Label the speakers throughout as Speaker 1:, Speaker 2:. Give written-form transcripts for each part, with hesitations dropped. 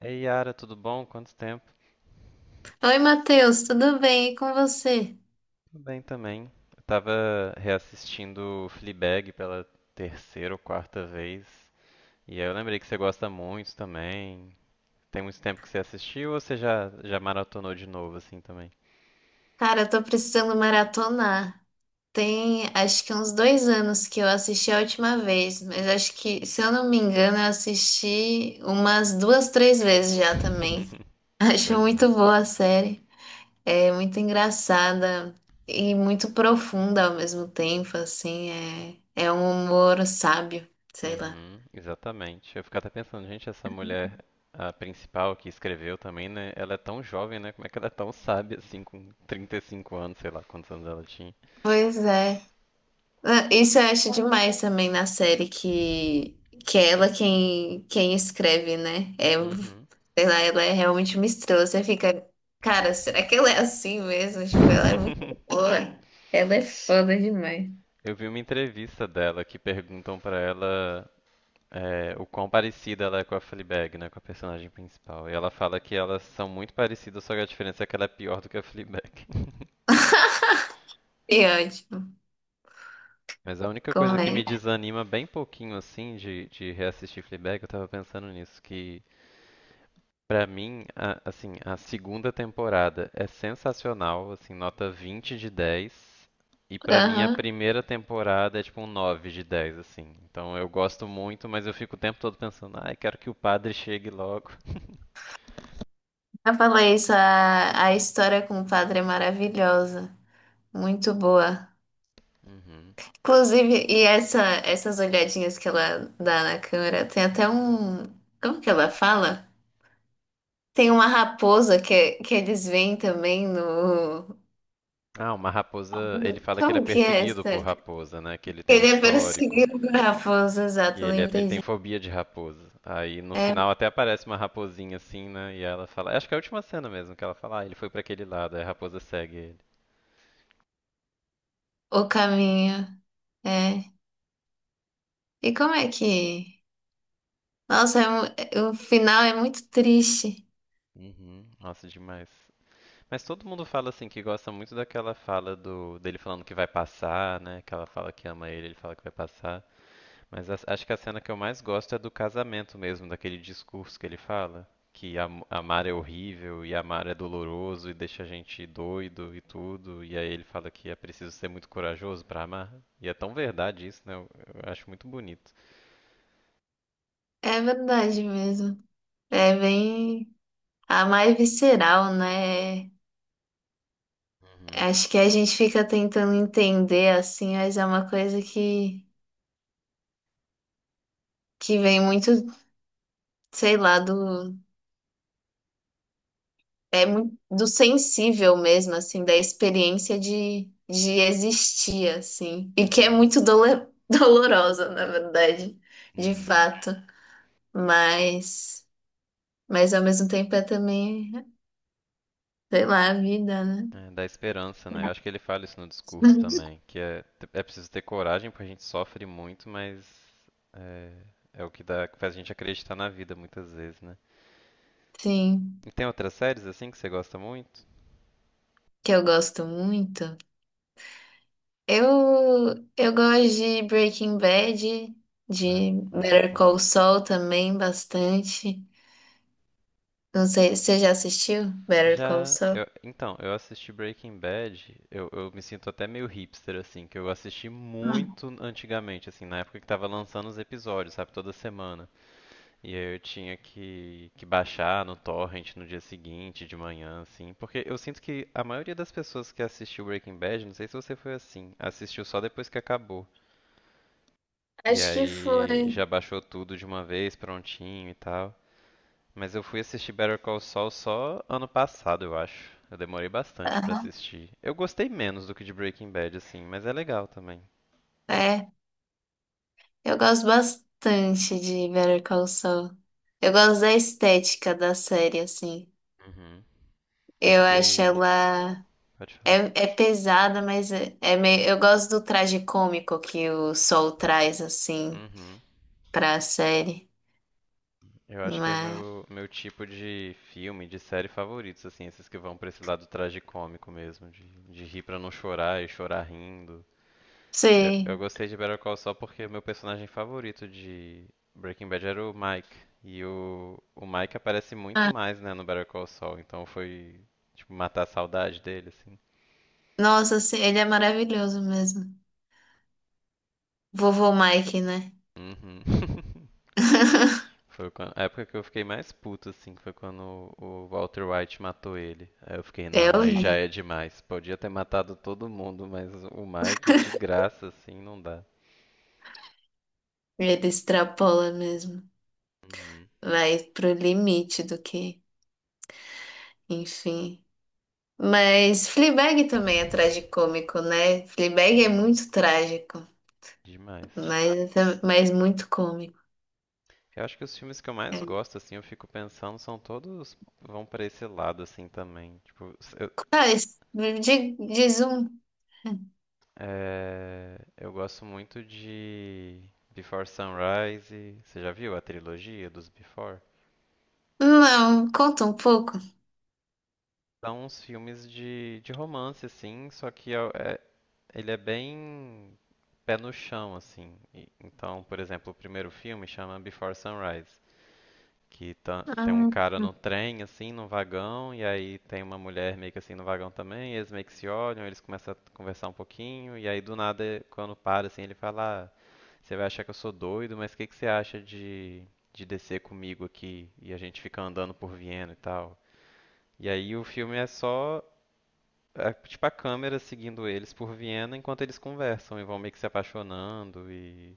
Speaker 1: Ei, Yara, tudo bom? Quanto tempo?
Speaker 2: Oi, Matheus, tudo bem? E com você?
Speaker 1: Tudo bem também. Eu tava reassistindo Fleabag pela terceira ou quarta vez, e aí eu lembrei que você gosta muito também. Tem muito tempo que você assistiu ou você já maratonou de novo assim também?
Speaker 2: Cara, eu tô precisando maratonar. Tem acho que uns dois anos que eu assisti a última vez, mas acho que, se eu não me engano, eu assisti umas duas, três vezes já também. Acho
Speaker 1: Pois é.
Speaker 2: muito boa a série. É muito engraçada e muito profunda ao mesmo tempo, assim. É, é um humor sábio, sei lá.
Speaker 1: Uhum, exatamente. Eu fico até pensando, gente, essa mulher, a principal que escreveu também, né? Ela é tão jovem, né? Como é que ela é tão sábia assim, com 35 anos, sei lá quantos anos ela tinha.
Speaker 2: Pois é. Ah, isso eu acho demais também na série que é ela quem escreve, né? É,
Speaker 1: Uhum.
Speaker 2: sei lá, ela é realmente uma estrela. Você fica, cara, será que ela é assim mesmo? Tipo, ela é muito boa. Ela é foda demais.
Speaker 1: Eu vi uma entrevista dela que perguntam pra ela o quão parecida ela é com a Fleabag, né, com a personagem principal. E ela fala que elas são muito parecidas, só que a diferença é que ela é pior do que a Fleabag.
Speaker 2: E ótimo,
Speaker 1: Mas a única coisa
Speaker 2: como
Speaker 1: que me
Speaker 2: é?
Speaker 1: desanima bem pouquinho assim de reassistir Fleabag, eu tava pensando nisso, que pra mim, assim, a segunda temporada é sensacional, assim, nota 20 de 10. E pra mim a
Speaker 2: Aham.
Speaker 1: primeira temporada é tipo um 9 de 10 assim. Então eu gosto muito, mas eu fico o tempo todo pensando, ai, quero que o padre chegue logo.
Speaker 2: Eu falei isso, a história com o padre é maravilhosa. Muito boa.
Speaker 1: Uhum.
Speaker 2: Inclusive, e essa, essas olhadinhas que ela dá na câmera, tem até um. Como que ela fala? Tem uma raposa que eles veem também no.
Speaker 1: Ah, uma raposa. Ele fala que ele é
Speaker 2: Como que é
Speaker 1: perseguido
Speaker 2: essa?
Speaker 1: por raposa, né? Que ele tem um
Speaker 2: Ele é
Speaker 1: histórico.
Speaker 2: perseguido por raposa,
Speaker 1: Que
Speaker 2: exato,
Speaker 1: ele, ele
Speaker 2: lembrei
Speaker 1: tem
Speaker 2: disso.
Speaker 1: fobia de raposa. Aí no
Speaker 2: É
Speaker 1: final até aparece uma raposinha assim, né? E ela fala. Acho que é a última cena mesmo, que ela fala, ah, ele foi pra aquele lado, aí a raposa segue ele.
Speaker 2: o caminho. É. E como é que. Nossa, o final é muito triste.
Speaker 1: Uhum. Nossa, demais. Mas todo mundo fala assim que gosta muito daquela fala do dele falando que vai passar, né? Aquela fala que ama ele, ele fala que vai passar. Mas acho que a cena que eu mais gosto é do casamento mesmo, daquele discurso que ele fala, que amar é horrível e amar é doloroso e deixa a gente doido e tudo. E aí ele fala que é preciso ser muito corajoso pra amar. E é tão verdade isso, né? Eu acho muito bonito.
Speaker 2: É verdade mesmo. É bem. A mais visceral, né?
Speaker 1: Uhum,
Speaker 2: Acho que a gente fica tentando entender assim, mas é uma coisa que vem muito, sei lá, do. É muito do sensível mesmo, assim, da experiência de existir, assim, e que é
Speaker 1: uhum,
Speaker 2: muito dolorosa, na verdade, de
Speaker 1: uhum.
Speaker 2: fato, mas, mas ao mesmo tempo é também, sei lá, a vida, né?
Speaker 1: É, dá esperança, né? Eu acho que ele fala isso no discurso também, que é preciso ter coragem, porque a gente sofre muito, mas é, é o que dá, que faz a gente acreditar na vida muitas vezes, né?
Speaker 2: Sim,
Speaker 1: E tem outras séries assim que você gosta muito?
Speaker 2: que eu gosto muito. Eu, eu gosto de Breaking Bad,
Speaker 1: Ai,
Speaker 2: de
Speaker 1: muito
Speaker 2: Better
Speaker 1: bom.
Speaker 2: Call Saul também bastante. Não sei, você já assistiu Better Call
Speaker 1: Já,
Speaker 2: Saul?
Speaker 1: então, eu assisti Breaking Bad, eu me sinto até meio hipster, assim, que eu assisti
Speaker 2: Hum.
Speaker 1: muito antigamente, assim, na época que tava lançando os episódios, sabe, toda semana. E aí eu tinha que baixar no torrent no dia seguinte, de manhã, assim. Porque eu sinto que a maioria das pessoas que assistiu Breaking Bad, não sei se você foi assim, assistiu só depois que acabou. E
Speaker 2: Acho que
Speaker 1: aí
Speaker 2: foi.
Speaker 1: já baixou tudo de uma vez, prontinho e tal. Mas eu fui assistir Better Call Saul só ano passado, eu acho. Eu demorei bastante pra assistir. Eu gostei menos do que de Breaking Bad, assim, mas é legal também.
Speaker 2: É, eu gosto bastante de Better Call Saul. Eu gosto da estética da série, assim.
Speaker 1: Uhum. Eu
Speaker 2: Eu acho
Speaker 1: fiquei.
Speaker 2: ela.
Speaker 1: Pode falar.
Speaker 2: É, é pesada, mas é, é meio, eu gosto do traje cômico que o Saul traz, assim,
Speaker 1: Uhum.
Speaker 2: pra série.
Speaker 1: Eu acho que é o
Speaker 2: Mas.
Speaker 1: meu tipo de filme, de série favoritos, assim, esses que vão pra esse lado tragicômico mesmo, de rir pra não chorar e chorar rindo. Eu
Speaker 2: Sim.
Speaker 1: gostei de Better Call Saul porque meu personagem favorito de Breaking Bad era o Mike. E o Mike aparece muito
Speaker 2: Ah,
Speaker 1: mais, né, no Better Call Saul, então foi, tipo, matar a saudade dele, assim.
Speaker 2: nossa, sim, ele é maravilhoso mesmo. Vovô Mike, né?
Speaker 1: Uhum. Foi a época que eu fiquei mais puto, assim, que foi quando o Walter White matou ele. Aí eu fiquei,
Speaker 2: É
Speaker 1: não, aí já
Speaker 2: horrível.
Speaker 1: é demais. Podia ter matado todo mundo, mas o Mike, de graça, assim, não dá.
Speaker 2: Ele extrapola mesmo.
Speaker 1: Uhum.
Speaker 2: Vai pro limite do que. Enfim. Mas Fleabag também é tragicômico, né? Fleabag é
Speaker 1: Uhum.
Speaker 2: muito trágico,
Speaker 1: Demais.
Speaker 2: mas, mas muito cômico.
Speaker 1: Eu acho que os filmes que eu mais
Speaker 2: É.
Speaker 1: gosto, assim, eu fico pensando, são todos vão pra esse lado, assim, também.
Speaker 2: Tá, diz um.
Speaker 1: Eu gosto muito de Before Sunrise. Você já viu a trilogia dos Before?
Speaker 2: Não, conta um pouco.
Speaker 1: Dá uns filmes de romance, assim, só que ele é bem pé no chão, assim. Então, por exemplo, o primeiro filme chama Before Sunrise, que tem um
Speaker 2: Ah,
Speaker 1: cara no trem, assim, num vagão, e aí tem uma mulher meio que assim no vagão também, e eles meio que se olham, eles começam a conversar um pouquinho, e aí do nada, quando para, assim, ele fala, ah, você vai achar que eu sou doido, mas o que que você acha de descer comigo aqui e a gente fica andando por Viena e tal? E aí o filme é só tipo a câmera seguindo eles por Viena enquanto eles conversam e vão meio que se apaixonando e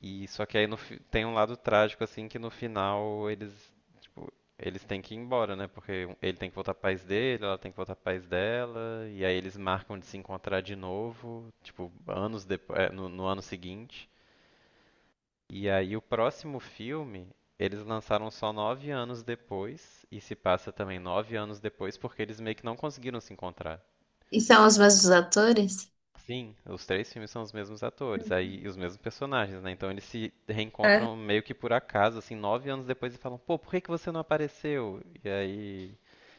Speaker 1: só que aí no fi- tem um lado trágico assim que no final eles tipo, eles têm que ir embora, né? Porque ele tem que voltar pro país dele, ela tem que voltar pro país dela e aí eles marcam de se encontrar de novo, tipo anos depois, no ano seguinte. E aí o próximo filme eles lançaram só 9 anos depois e se passa também 9 anos depois porque eles meio que não conseguiram se encontrar.
Speaker 2: e são os mesmos atores?
Speaker 1: Sim, os três filmes são os mesmos atores, aí e os mesmos personagens, né? Então eles se
Speaker 2: É.
Speaker 1: reencontram meio que por acaso, assim, 9 anos depois e falam, pô, por que que você não apareceu? E aí,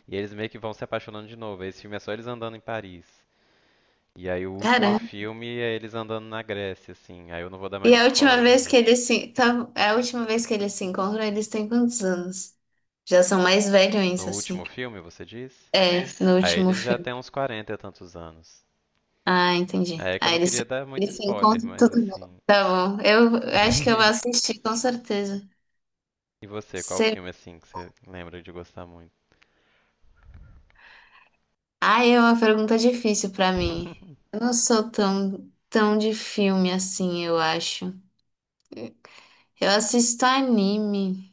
Speaker 1: e eles meio que vão se apaixonando de novo. Esse filme é só eles andando em Paris. E aí o último
Speaker 2: Caramba.
Speaker 1: filme é eles andando na Grécia, assim. Aí eu não vou dar mais
Speaker 2: E a última
Speaker 1: spoiler,
Speaker 2: vez
Speaker 1: mas
Speaker 2: que eles se, tá, a última vez que eles se encontram, eles têm quantos anos? Já são mais velhos,
Speaker 1: no
Speaker 2: assim.
Speaker 1: último filme, você diz?
Speaker 2: É, no
Speaker 1: Aí
Speaker 2: último
Speaker 1: eles já
Speaker 2: filme.
Speaker 1: têm uns 40 e tantos anos.
Speaker 2: Ah, entendi.
Speaker 1: Aí é que eu
Speaker 2: Ah,
Speaker 1: não queria dar muito
Speaker 2: eles se
Speaker 1: spoiler,
Speaker 2: encontram
Speaker 1: mas
Speaker 2: tudo bem.
Speaker 1: assim.
Speaker 2: Tá bom. Eu acho que eu vou assistir, com certeza.
Speaker 1: E você, qual
Speaker 2: Você.
Speaker 1: filme assim que você lembra de gostar muito?
Speaker 2: Ah, é uma pergunta difícil pra mim. Eu não sou tão de filme assim, eu acho. Eu assisto anime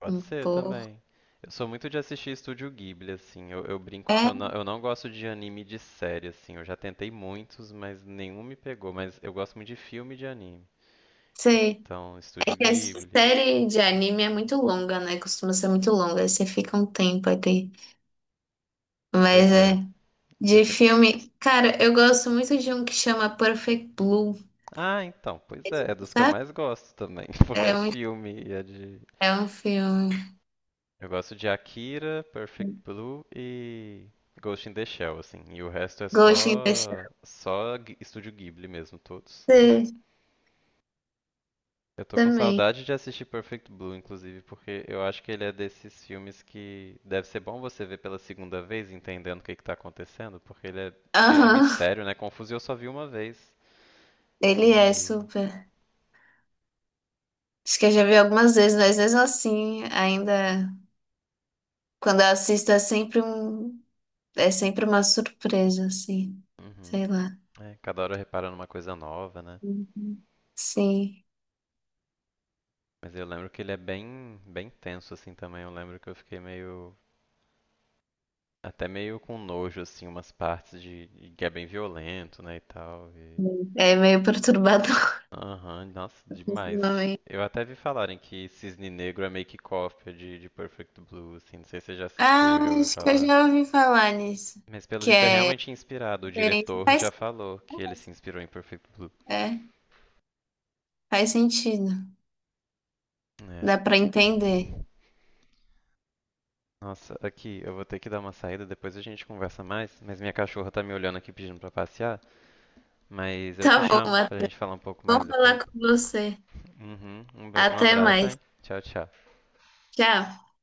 Speaker 1: Pode
Speaker 2: um
Speaker 1: ser
Speaker 2: pouco.
Speaker 1: também. Eu sou muito de assistir Estúdio Ghibli, assim. Eu brinco que
Speaker 2: É,
Speaker 1: eu não gosto de anime de série, assim. Eu já tentei muitos, mas nenhum me pegou. Mas eu gosto muito de filme e de anime.
Speaker 2: sei.
Speaker 1: Então, Estúdio
Speaker 2: É que a
Speaker 1: Ghibli.
Speaker 2: série de anime é muito longa, né? Costuma ser muito longa. Aí você fica um tempo até. Mas
Speaker 1: Pois
Speaker 2: é.
Speaker 1: é.
Speaker 2: De
Speaker 1: Esse- é-
Speaker 2: filme, cara, eu gosto muito de um que chama Perfect Blue,
Speaker 1: Ah, então, pois é. É dos que eu
Speaker 2: sabe?
Speaker 1: mais gosto também. Porque
Speaker 2: É
Speaker 1: é
Speaker 2: um
Speaker 1: filme e é de.
Speaker 2: É um filme.
Speaker 1: Eu gosto de Akira, Perfect Blue e Ghost in the Shell, assim. E o resto é
Speaker 2: Ghost in the Shell.
Speaker 1: só. Estúdio Ghibli mesmo, todos.
Speaker 2: Sim,
Speaker 1: Eu tô com
Speaker 2: também.
Speaker 1: saudade de assistir Perfect Blue, inclusive, porque eu acho que ele é desses filmes que deve ser bom você ver pela segunda vez, entendendo o que que tá acontecendo, porque ele é cheio de
Speaker 2: Aham,
Speaker 1: mistério, né? Confuso e eu só vi uma vez.
Speaker 2: ele é
Speaker 1: E.
Speaker 2: super. Acho que eu já vi algumas vezes, mas mesmo assim, ainda quando eu assisto é sempre é sempre uma surpresa, assim.
Speaker 1: Uhum.
Speaker 2: Sei lá.
Speaker 1: É, cada hora reparando uma coisa nova, né?
Speaker 2: Uhum. Sim,
Speaker 1: Mas eu lembro que ele é bem tenso, assim, também. Eu lembro que eu fiquei meio. Até meio com nojo, assim, umas partes de, que é bem violento, né, e tal.
Speaker 2: é meio perturbador
Speaker 1: Aham, nossa,
Speaker 2: esse
Speaker 1: demais.
Speaker 2: nome.
Speaker 1: Eu até vi falarem que Cisne Negro é meio que cópia de Perfect Blue, assim, não sei se você já assistiu
Speaker 2: Ah,
Speaker 1: ou já ouviu
Speaker 2: acho que eu
Speaker 1: falar.
Speaker 2: já ouvi falar nisso.
Speaker 1: Mas pelo
Speaker 2: Que
Speaker 1: visto é
Speaker 2: é
Speaker 1: realmente inspirado, o
Speaker 2: diferente.
Speaker 1: diretor já
Speaker 2: Faz,
Speaker 1: falou que ele se inspirou em Perfect Blue.
Speaker 2: é, faz sentido.
Speaker 1: É.
Speaker 2: Dá pra entender.
Speaker 1: Nossa, aqui, eu vou ter que dar uma saída, depois a gente conversa mais, mas minha cachorra tá me olhando aqui pedindo pra passear, mas eu te
Speaker 2: Tá bom,
Speaker 1: chamo pra
Speaker 2: até
Speaker 1: gente falar um pouco mais depois.
Speaker 2: falar com você.
Speaker 1: Uhum, um
Speaker 2: Até
Speaker 1: abraço,
Speaker 2: mais.
Speaker 1: hein? Tchau, tchau.
Speaker 2: Tchau.